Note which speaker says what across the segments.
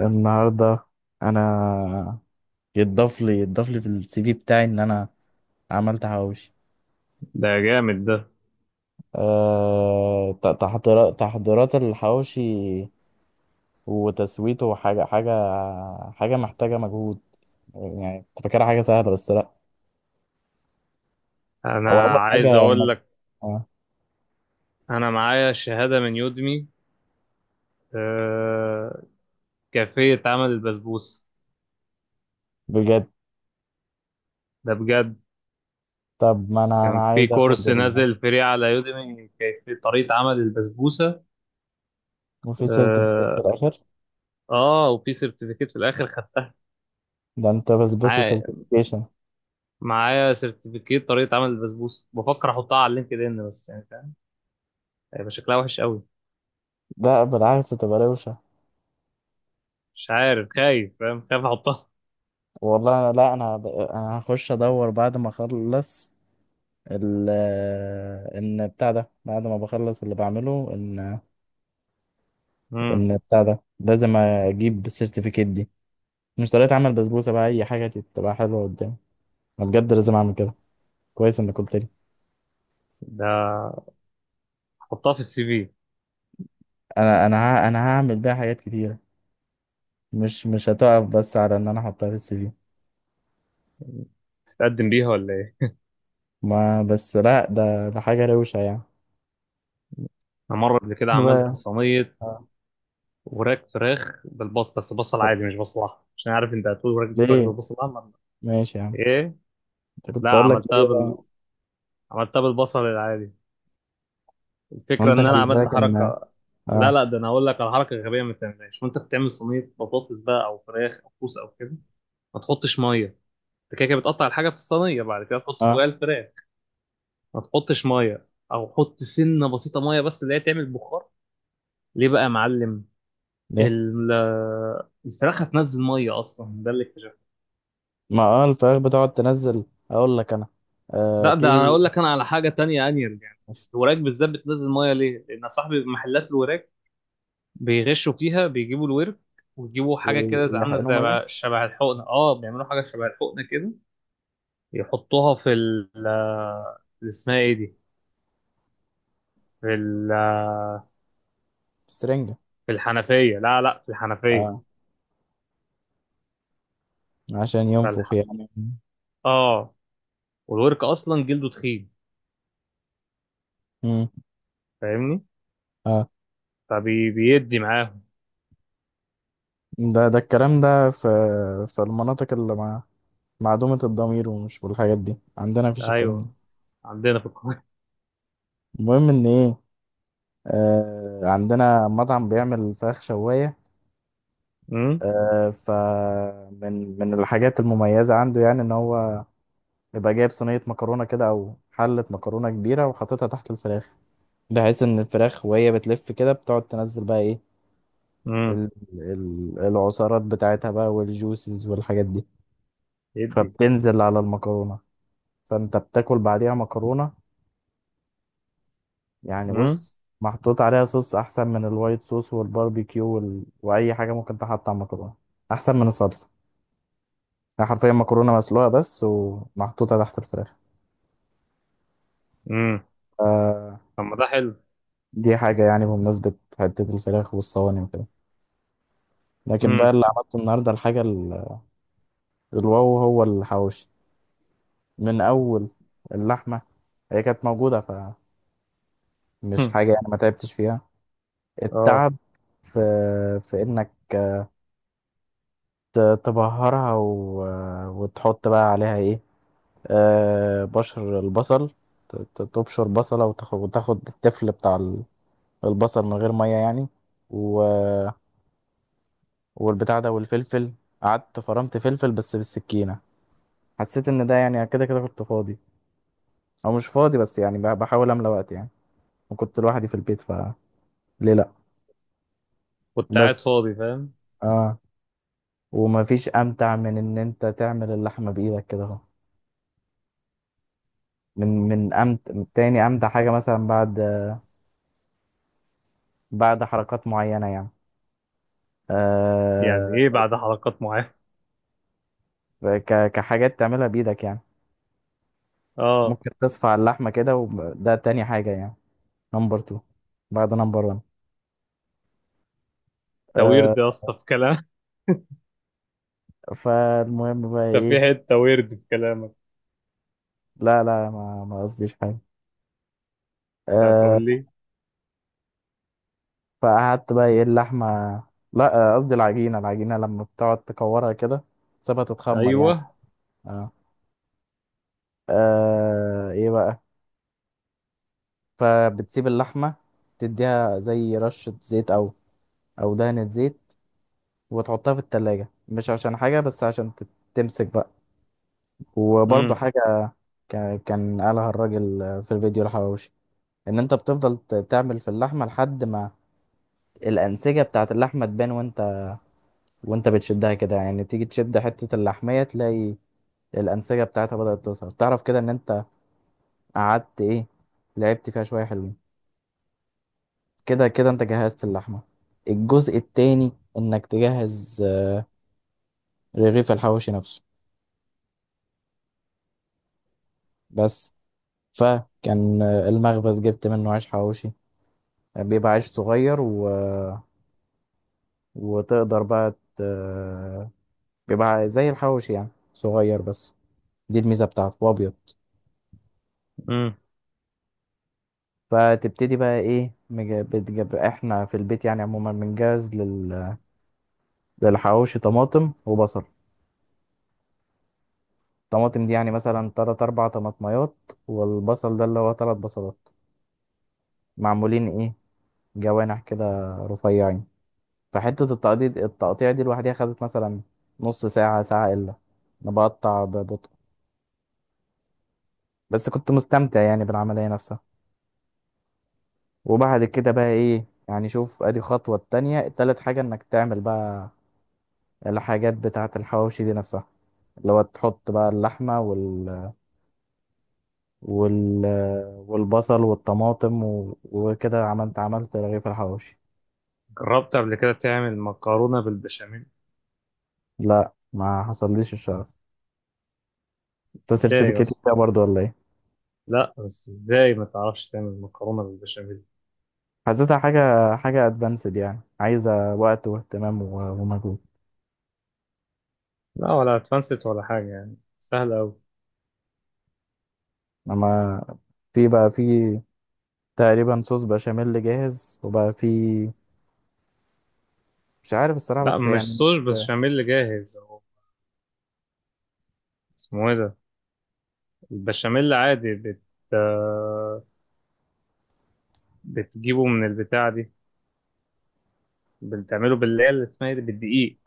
Speaker 1: النهارده انا يتضاف لي في السي في بتاعي ان انا عملت حواوشي.
Speaker 2: ده جامد ده.
Speaker 1: تحضيرات الحواوشي وتسويته وحاجة حاجة محتاجة مجهود، يعني كنت فاكرها حاجة سهلة بس لا. هو
Speaker 2: انا
Speaker 1: أول
Speaker 2: عايز
Speaker 1: حاجة
Speaker 2: اقول
Speaker 1: إنك
Speaker 2: لك،
Speaker 1: آه،
Speaker 2: انا معايا شهادة من يودمي. آه، كيفية عمل البسبوسة.
Speaker 1: بجد.
Speaker 2: ده بجد.
Speaker 1: طب ما أنا
Speaker 2: كان في
Speaker 1: عايز آخد
Speaker 2: كورس
Speaker 1: ال
Speaker 2: نازل فري على يودمي كيفية طريقة عمل البسبوسة.
Speaker 1: وفي سيرتيفيكيت في
Speaker 2: اه.
Speaker 1: الآخر.
Speaker 2: آه، وفي سيرتيفيكيت في الاخر خدت
Speaker 1: ده أنت بسبوسة
Speaker 2: معايا
Speaker 1: سيرتيفيكيشن؟
Speaker 2: معايا سيرتيفيكيت طريقة عمل البسبوسة، بفكر احطها على اللينكد ان، بس يعني فاهم، هيبقى شكلها وحش قوي.
Speaker 1: ده بالعكس تبقى روشة.
Speaker 2: مش عارف، خايف، فاهم، خايف احطها.
Speaker 1: والله أنا لا، أنا أنا هخش أدور بعد ما أخلص ال ان بتاع ده، بعد ما بخلص اللي بعمله ان
Speaker 2: امم.
Speaker 1: ان بتاع ده لازم اجيب السيرتيفيكيت دي، مش طريقة عمل بسبوسة بقى، اي حاجة تبقى حلوة قدامي. انا بجد لازم اعمل كده، كويس انك قلت لي.
Speaker 2: ده احطها في السي في،
Speaker 1: انا انا هعمل بيها حاجات كتيرة، مش هتقف بس على ان انا احطها في السي في.
Speaker 2: تتقدم بيها ولا ايه؟
Speaker 1: ما بس لا، ده حاجة روشة يعني.
Speaker 2: انا مره قبل كده عملت
Speaker 1: بقى-
Speaker 2: صينيه
Speaker 1: آه،
Speaker 2: وراك فراخ بالبصل، بس بصل
Speaker 1: اتفضل.
Speaker 2: عادي مش بصل احمر، عشان عارف انت هتقول وراك فراخ
Speaker 1: ليه،
Speaker 2: بالبصل الاحمر.
Speaker 1: ماشي يا عم.
Speaker 2: ايه.
Speaker 1: انت
Speaker 2: لا،
Speaker 1: كنت اقول لك ليه بقى.
Speaker 2: عملتها بالبصل العادي. الفكره
Speaker 1: وانت
Speaker 2: ان انا
Speaker 1: خلي
Speaker 2: عملت
Speaker 1: بالك ان
Speaker 2: حركه. لا
Speaker 1: اه.
Speaker 2: لا، ده انا هقول لك على حركه غبيه ما تعملهاش وانت بتعمل صينيه بطاطس بقى او فراخ او كوسه او كده. ما تحطش ميه. انت كده كده بتقطع الحاجه في الصينيه، بعد كده تحط
Speaker 1: اه.
Speaker 2: فوقها الفراخ. ما تحطش ميه، او حط سنه بسيطه ميه بس، اللي هي تعمل بخار. ليه بقى يا معلم؟
Speaker 1: ليه؟
Speaker 2: ال- الفراخ هتنزل ميه اصلا، ده اللي اكتشفته.
Speaker 1: ما اه الفراخ بتقعد تنزل، اقول لك انا. آه
Speaker 2: لا، ده
Speaker 1: في
Speaker 2: انا هقول لك انا على حاجه تانية انير يعني. الوراك بالذات بتنزل ميه ليه؟ لان صاحبي محلات الوراك بيغشوا فيها، بيجيبوا الورك ويجيبوا حاجه كده زي عامله
Speaker 1: ويحقنوا
Speaker 2: زي
Speaker 1: ميه
Speaker 2: شبه الحقنه. اه، بيعملوا حاجه شبه الحقنه كده، يحطوها في ال، اللي اسمها ايه دي؟ في ال-
Speaker 1: بسرنجة.
Speaker 2: في الحنفيه. لا لا، في الحنفيه.
Speaker 1: اه، عشان ينفخ
Speaker 2: فالح...
Speaker 1: يعني.
Speaker 2: اه. والورك اصلا جلده تخين،
Speaker 1: مم.
Speaker 2: فاهمني؟
Speaker 1: اه،
Speaker 2: فبيدي معاهم.
Speaker 1: ده الكلام ده في في المناطق اللي مع معدومة الضمير ومش والحاجات دي، عندنا مفيش الكلام ده.
Speaker 2: ايوه، عندنا في القاهره.
Speaker 1: المهم ان ايه، آه عندنا مطعم بيعمل فراخ شواية.
Speaker 2: امم.
Speaker 1: آه، فمن الحاجات المميزة عنده يعني ان هو يبقى جايب صينية مكرونة كده او حلة مكرونة كبيرة وحاططها تحت الفراخ، بحيث ان الفراخ وهي بتلف كده بتقعد تنزل بقى ايه
Speaker 2: امم.
Speaker 1: العصارات بتاعتها بقى والجوسز والحاجات دي،
Speaker 2: يدي.
Speaker 1: فبتنزل على المكرونة. فانت بتاكل بعديها مكرونة، يعني
Speaker 2: امم.
Speaker 1: بص محطوط عليها صوص احسن من الوايت صوص والباربيكيو واي حاجة ممكن تحط على المكرونة، احسن من الصلصة. يعني حرفيا مكرونة مسلوقة بس ومحطوطة تحت الفراخ.
Speaker 2: امم.
Speaker 1: آه.
Speaker 2: طب ما ده حلو.
Speaker 1: دي حاجة يعني بمناسبة حتة الفراخ والصواني وكده. لكن بقى
Speaker 2: امم.
Speaker 1: اللي عملته النهاردة الحاجة الواو هو الحواوشي. من اول اللحمه، هي كانت موجوده، فمش حاجه يعني، ما تعبتش فيها.
Speaker 2: اه.
Speaker 1: التعب في في انك تبهرها وتحط بقى عليها ايه، آه بشر البصل. تبشر بصله وتاخد, وتاخد التفل بتاع البصل، من غير ميه يعني. و... والبتاع ده والفلفل. قعدت فرمت فلفل بس بالسكينه، حسيت ان ده يعني كده كده كنت فاضي، او مش فاضي بس يعني بحاول املى وقت يعني، وكنت لوحدي في البيت فليه لا
Speaker 2: كنت قاعد
Speaker 1: بس.
Speaker 2: فاضي فاهم.
Speaker 1: اه. ومفيش امتع من ان انت تعمل اللحمه بايدك كده اهو. من تاني امتع حاجه مثلا بعد بعد حركات معينه يعني.
Speaker 2: يعني
Speaker 1: آه.
Speaker 2: ايه بعد حلقات معينة؟
Speaker 1: كحاجات تعملها بايدك يعني،
Speaker 2: اه.
Speaker 1: ممكن تصفع اللحمه كده، وده تاني حاجه يعني، نمبر 2، بعد نمبر 1.
Speaker 2: ده
Speaker 1: آه.
Speaker 2: ويرد يا اسطى في كلام
Speaker 1: فالمهم بقى
Speaker 2: ده في
Speaker 1: ايه،
Speaker 2: حتة ويرد في كلامك.
Speaker 1: لا ما قصديش حاجه.
Speaker 2: انت
Speaker 1: آه.
Speaker 2: هتقول لي.
Speaker 1: فقعدت بقى ايه اللحمه، لا آه، قصدي العجينه. العجينه لما بتقعد تكورها كده تسيبها تتخمر يعني.
Speaker 2: ايوه.
Speaker 1: آه. آه ايه بقى، فبتسيب اللحمة تديها زي رشة زيت او او دهنة زيت، وتحطها في التلاجة مش عشان حاجة بس عشان تمسك بقى. وبرضه
Speaker 2: امم.
Speaker 1: حاجة كان قالها الراجل في الفيديو الحواوشي، ان انت بتفضل تعمل في اللحمة لحد ما الأنسجة بتاعت اللحمة تبان، وانت وانت بتشدها كده يعني، تيجي تشد حتة اللحمية تلاقي الأنسجة بتاعتها بدأت تظهر، تعرف كده ان انت قعدت ايه لعبت فيها شوية حلوين، كده كده انت جهزت اللحمة. الجزء التاني انك تجهز رغيف الحواوشي نفسه بس. فكان المخبز جبت منه عيش حواوشي، بيبقى عيش صغير وتقدر بقى بيبقى زي الحواوشي يعني صغير بس، دي الميزة بتاعته، وابيض.
Speaker 2: امم.
Speaker 1: فتبتدي بقى ايه بتجيب، احنا في البيت يعني عموما للحواوشي طماطم وبصل. الطماطم دي يعني مثلا تلات أربع طماطميات، والبصل ده اللي هو تلات بصلات، معمولين ايه، جوانح كده رفيعين. فحتة التقطيع دي لوحدها خدت مثلا نص ساعة ساعة إلا، أنا بقطع ببطء بس كنت مستمتع يعني بالعملية نفسها. وبعد كده بقى ايه يعني، شوف ادي خطوة التانية، تالت حاجة انك تعمل بقى الحاجات بتاعة الحواوشي دي نفسها، اللي هو تحط بقى اللحمة وال... والبصل والطماطم وكده، عملت رغيف الحواوشي.
Speaker 2: جربت قبل كده تعمل مكرونة بالبشاميل؟
Speaker 1: لا ما حصلليش الشرف. انت
Speaker 2: ازاي يا
Speaker 1: سيرتيفيكيت
Speaker 2: اسطى.
Speaker 1: فيها برضو ولا ايه؟
Speaker 2: لا بس ازاي ما تعرفش تعمل مكرونة بالبشاميل؟
Speaker 1: حسيتها حاجة ادفانسد، يعني عايزة وقت واهتمام ومجهود.
Speaker 2: لا ولا اتفنست ولا حاجة، يعني سهلة أوي.
Speaker 1: اما في بقى في تقريبا صوص بشاميل جاهز، وبقى في مش عارف الصراحة
Speaker 2: لا
Speaker 1: بس
Speaker 2: مش
Speaker 1: يعني
Speaker 2: صوص
Speaker 1: انك،
Speaker 2: بشاميل جاهز هو. اسمه ايه ده؟ البشاميل عادي آه، بتجيبه من البتاع دي. بتعمله باللي هي اللي اسمها ايه دي؟ بالدقيق.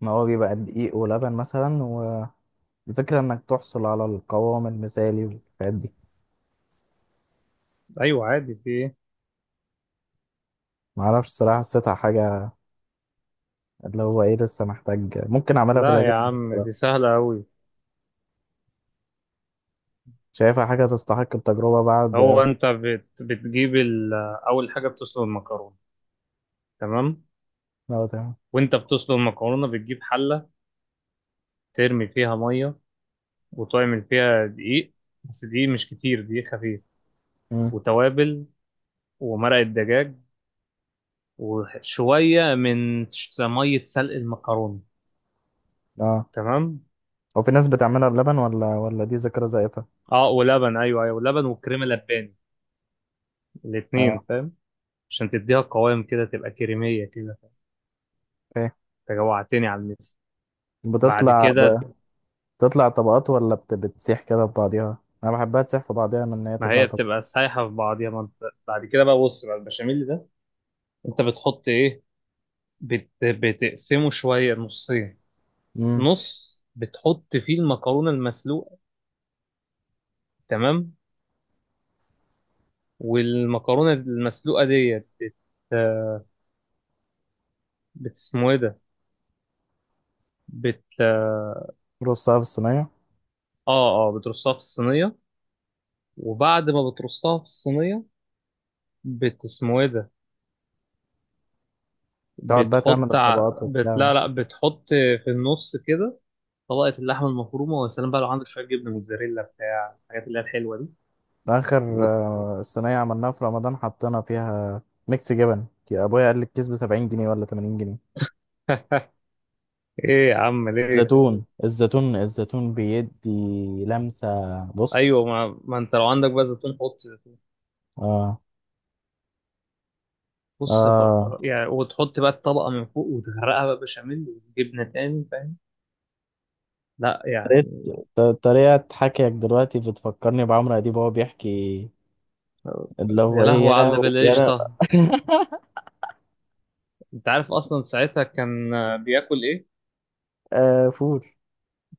Speaker 1: ما هو بيبقى دقيق ولبن مثلا، والفكرة انك تحصل على القوام المثالي والحاجات دي.
Speaker 2: ايوه عادي، في ايه.
Speaker 1: معرفش الصراحة، حسيتها حاجة اللي هو ايه، لسه محتاج، ممكن اعملها في
Speaker 2: لا يا
Speaker 1: الاجازة
Speaker 2: عم،
Speaker 1: الصراحة.
Speaker 2: دي سهله قوي.
Speaker 1: شايفها حاجة تستحق التجربة
Speaker 2: هو
Speaker 1: بعد.
Speaker 2: انت بتجيب ال... اول حاجه بتسلق المكرونه، تمام؟
Speaker 1: اه تمام.
Speaker 2: وانت بتسلق المكرونه، بتجيب حله، ترمي فيها ميه، وتعمل فيها دقيق، بس دقيق مش كتير، دقيق خفيف.
Speaker 1: مم.
Speaker 2: وتوابل، ومرقه دجاج، وشويه من ميه سلق المكرونه.
Speaker 1: اه،
Speaker 2: تمام.
Speaker 1: هو في ناس بتعملها بلبن ولا ولا دي ذاكرة زائفة.
Speaker 2: اه ولبن، ايوه ايوه ولبن وكريمه لباني،
Speaker 1: اه.
Speaker 2: الاتنين فاهم. عشان تديها قوام كده، تبقى كريميه كده. انت جوعتني على الميس. بعد
Speaker 1: بتطلع ب...
Speaker 2: كده،
Speaker 1: بتطلع طبقات ولا بتسيح كده في بعضيها؟ انا بحبها تسيح في بعضيها من ان هي
Speaker 2: ما
Speaker 1: تطلع
Speaker 2: هي
Speaker 1: طبقات.
Speaker 2: بتبقى سايحه في بعضيها، ما انت بعد كده بقى بص بقى البشاميل ده، انت بتحط ايه؟ بتقسمه شويه نصين.
Speaker 1: امم.
Speaker 2: نص بتحط فيه المكرونه المسلوقه. تمام. والمكرونه المسلوقه ديت اسمه ايه ده؟ اه.
Speaker 1: رصها في الصينيه.
Speaker 2: اه بترصها في الصينية. وبعد ما بترصها في الصينية، اسمه ايه ده؟
Speaker 1: تقعد بقى تعمل الطبقات وبتاع.
Speaker 2: لا لا، بتحط في النص كده طبقة اللحمة المفرومة. وسلام بقى لو عندك شوية جبنة موتزاريلا بتاع الحاجات اللي هي الحلوة دي
Speaker 1: اخر
Speaker 2: و...
Speaker 1: صينيه عملناها في رمضان حطينا فيها ميكس جبن، يا ابويا قال لي الكيس ب 70 جنيه ولا 80 جنيه.
Speaker 2: ايه يا عم ليه؟
Speaker 1: زيتون، الزيتون بيدي لمسه.
Speaker 2: ايوه،
Speaker 1: بص.
Speaker 2: ما انت لو عندك بقى زيتون حط.
Speaker 1: اه.
Speaker 2: بص
Speaker 1: اه.
Speaker 2: بقى- يعني وتحط بقى الطبقة من فوق، وتغرقها بقى بشاميل وجبنة تاني، فاهم؟ لا
Speaker 1: طريقة
Speaker 2: يعني.
Speaker 1: طريقة حكيك دلوقتي بتفكرني بعمرو أديب وهو بيحكي، اللي هو
Speaker 2: يا
Speaker 1: ايه، يا
Speaker 2: لهوي على اللي
Speaker 1: لهوي يا لهوي.
Speaker 2: بالقشطة. انت عارف اصلا ساعتها كان آه، بياكل ايه؟
Speaker 1: آه فول.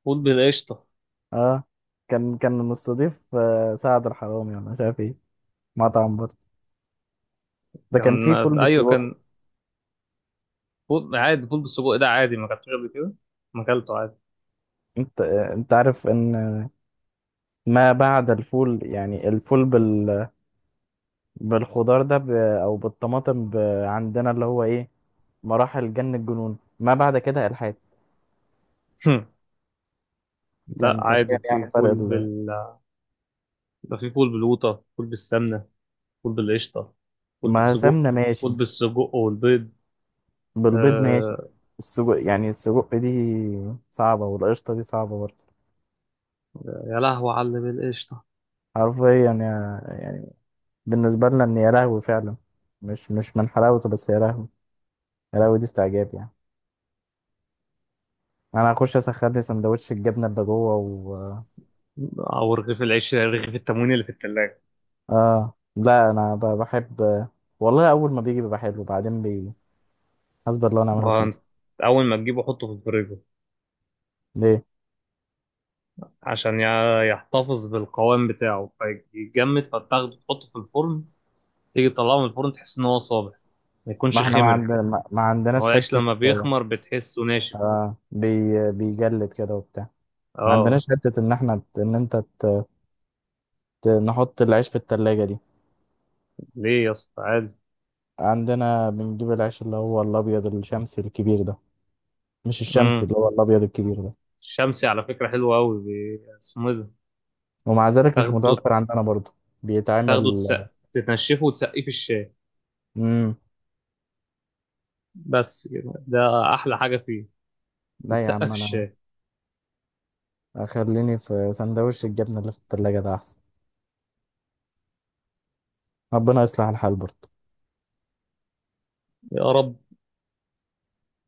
Speaker 2: فول بالقشطة.
Speaker 1: اه كان كان مستضيف سعد الحرامي ولا مش عارف ايه، مطعم برضه، ده كان
Speaker 2: كان
Speaker 1: فيه
Speaker 2: آه،
Speaker 1: فول
Speaker 2: ايوه
Speaker 1: بالسجق.
Speaker 2: كان. فول عادي، فول بالسجق ده عادي ما اكلتوش قبل كده؟ ما اكلته عادي.
Speaker 1: انت انت عارف ان، ما بعد الفول يعني الفول بالخضار او بالطماطم عندنا اللي هو ايه، مراحل جن الجنون ما بعد كده الحاد. انت
Speaker 2: لا
Speaker 1: انت فاهم
Speaker 2: عادي، في
Speaker 1: يعني فرق
Speaker 2: فول بال، يبقى في فول بالقوطة، فول بالسمنة، فول بالقشطة، فول
Speaker 1: ما
Speaker 2: بالسجق،
Speaker 1: سمنه ماشي،
Speaker 2: فول بالسجق والبيض.
Speaker 1: بالبيض ماشي.
Speaker 2: آه.
Speaker 1: السجق يعني السجق دي صعبة، والقشطة دي صعبة برضه.
Speaker 2: يا لهوي على اللي بالقشطة.
Speaker 1: حرفيا يعني بالنسبة لنا ان يا لهوي فعلا، مش من حلاوته بس يا لهوي، يا لهوي دي استعجاب يعني. انا هخش اسخن لي سندوتش الجبنة اللي جوه و
Speaker 2: أو رغيف العيش، رغيف التموين اللي في التلاجة.
Speaker 1: اه لا انا بحب والله. اول ما بيجي بيبقى حلو وبعدين بي، اصبر لو انا
Speaker 2: ما
Speaker 1: عمله
Speaker 2: هو
Speaker 1: جديد.
Speaker 2: أنت أول ما تجيبه حطه في الفريزر،
Speaker 1: ليه؟
Speaker 2: عشان يحتفظ بالقوام بتاعه. فيتجمد، فتاخده تحطه في الفرن، تيجي تطلعه من الفرن تحس إن هو صابح، ما
Speaker 1: ما
Speaker 2: يكونش
Speaker 1: احنا ما
Speaker 2: خمر.
Speaker 1: عندنا ما
Speaker 2: هو
Speaker 1: عندناش
Speaker 2: العيش
Speaker 1: حتة.
Speaker 2: لما بيخمر بتحسه ناشف.
Speaker 1: اه، بيجلد كده وبتاع. ما
Speaker 2: اه.
Speaker 1: عندناش حتة ان احنا ان انت نحط العيش في التلاجة دي.
Speaker 2: ليه يا اسطى، عادي.
Speaker 1: عندنا بنجيب العيش اللي هو الابيض الشمسي الكبير ده، مش الشمسي،
Speaker 2: امم.
Speaker 1: اللي هو الابيض الكبير ده.
Speaker 2: الشمسي على فكرة حلو أوي اسمه إيه ده؟
Speaker 1: ومع ذلك مش
Speaker 2: تاخده،
Speaker 1: متوفر عندنا برضو.
Speaker 2: تاخده
Speaker 1: بيتعمل.
Speaker 2: تسقف، تنشفه وتسقيه في الشاي.
Speaker 1: امم.
Speaker 2: بس كده، ده احلى حاجه فيه.
Speaker 1: لا يا عم
Speaker 2: يتسقف
Speaker 1: انا
Speaker 2: الشاي.
Speaker 1: اخليني في سندوتش الجبنه اللي في التلاجة ده احسن. ربنا يصلح الحال برضو.
Speaker 2: يا رب.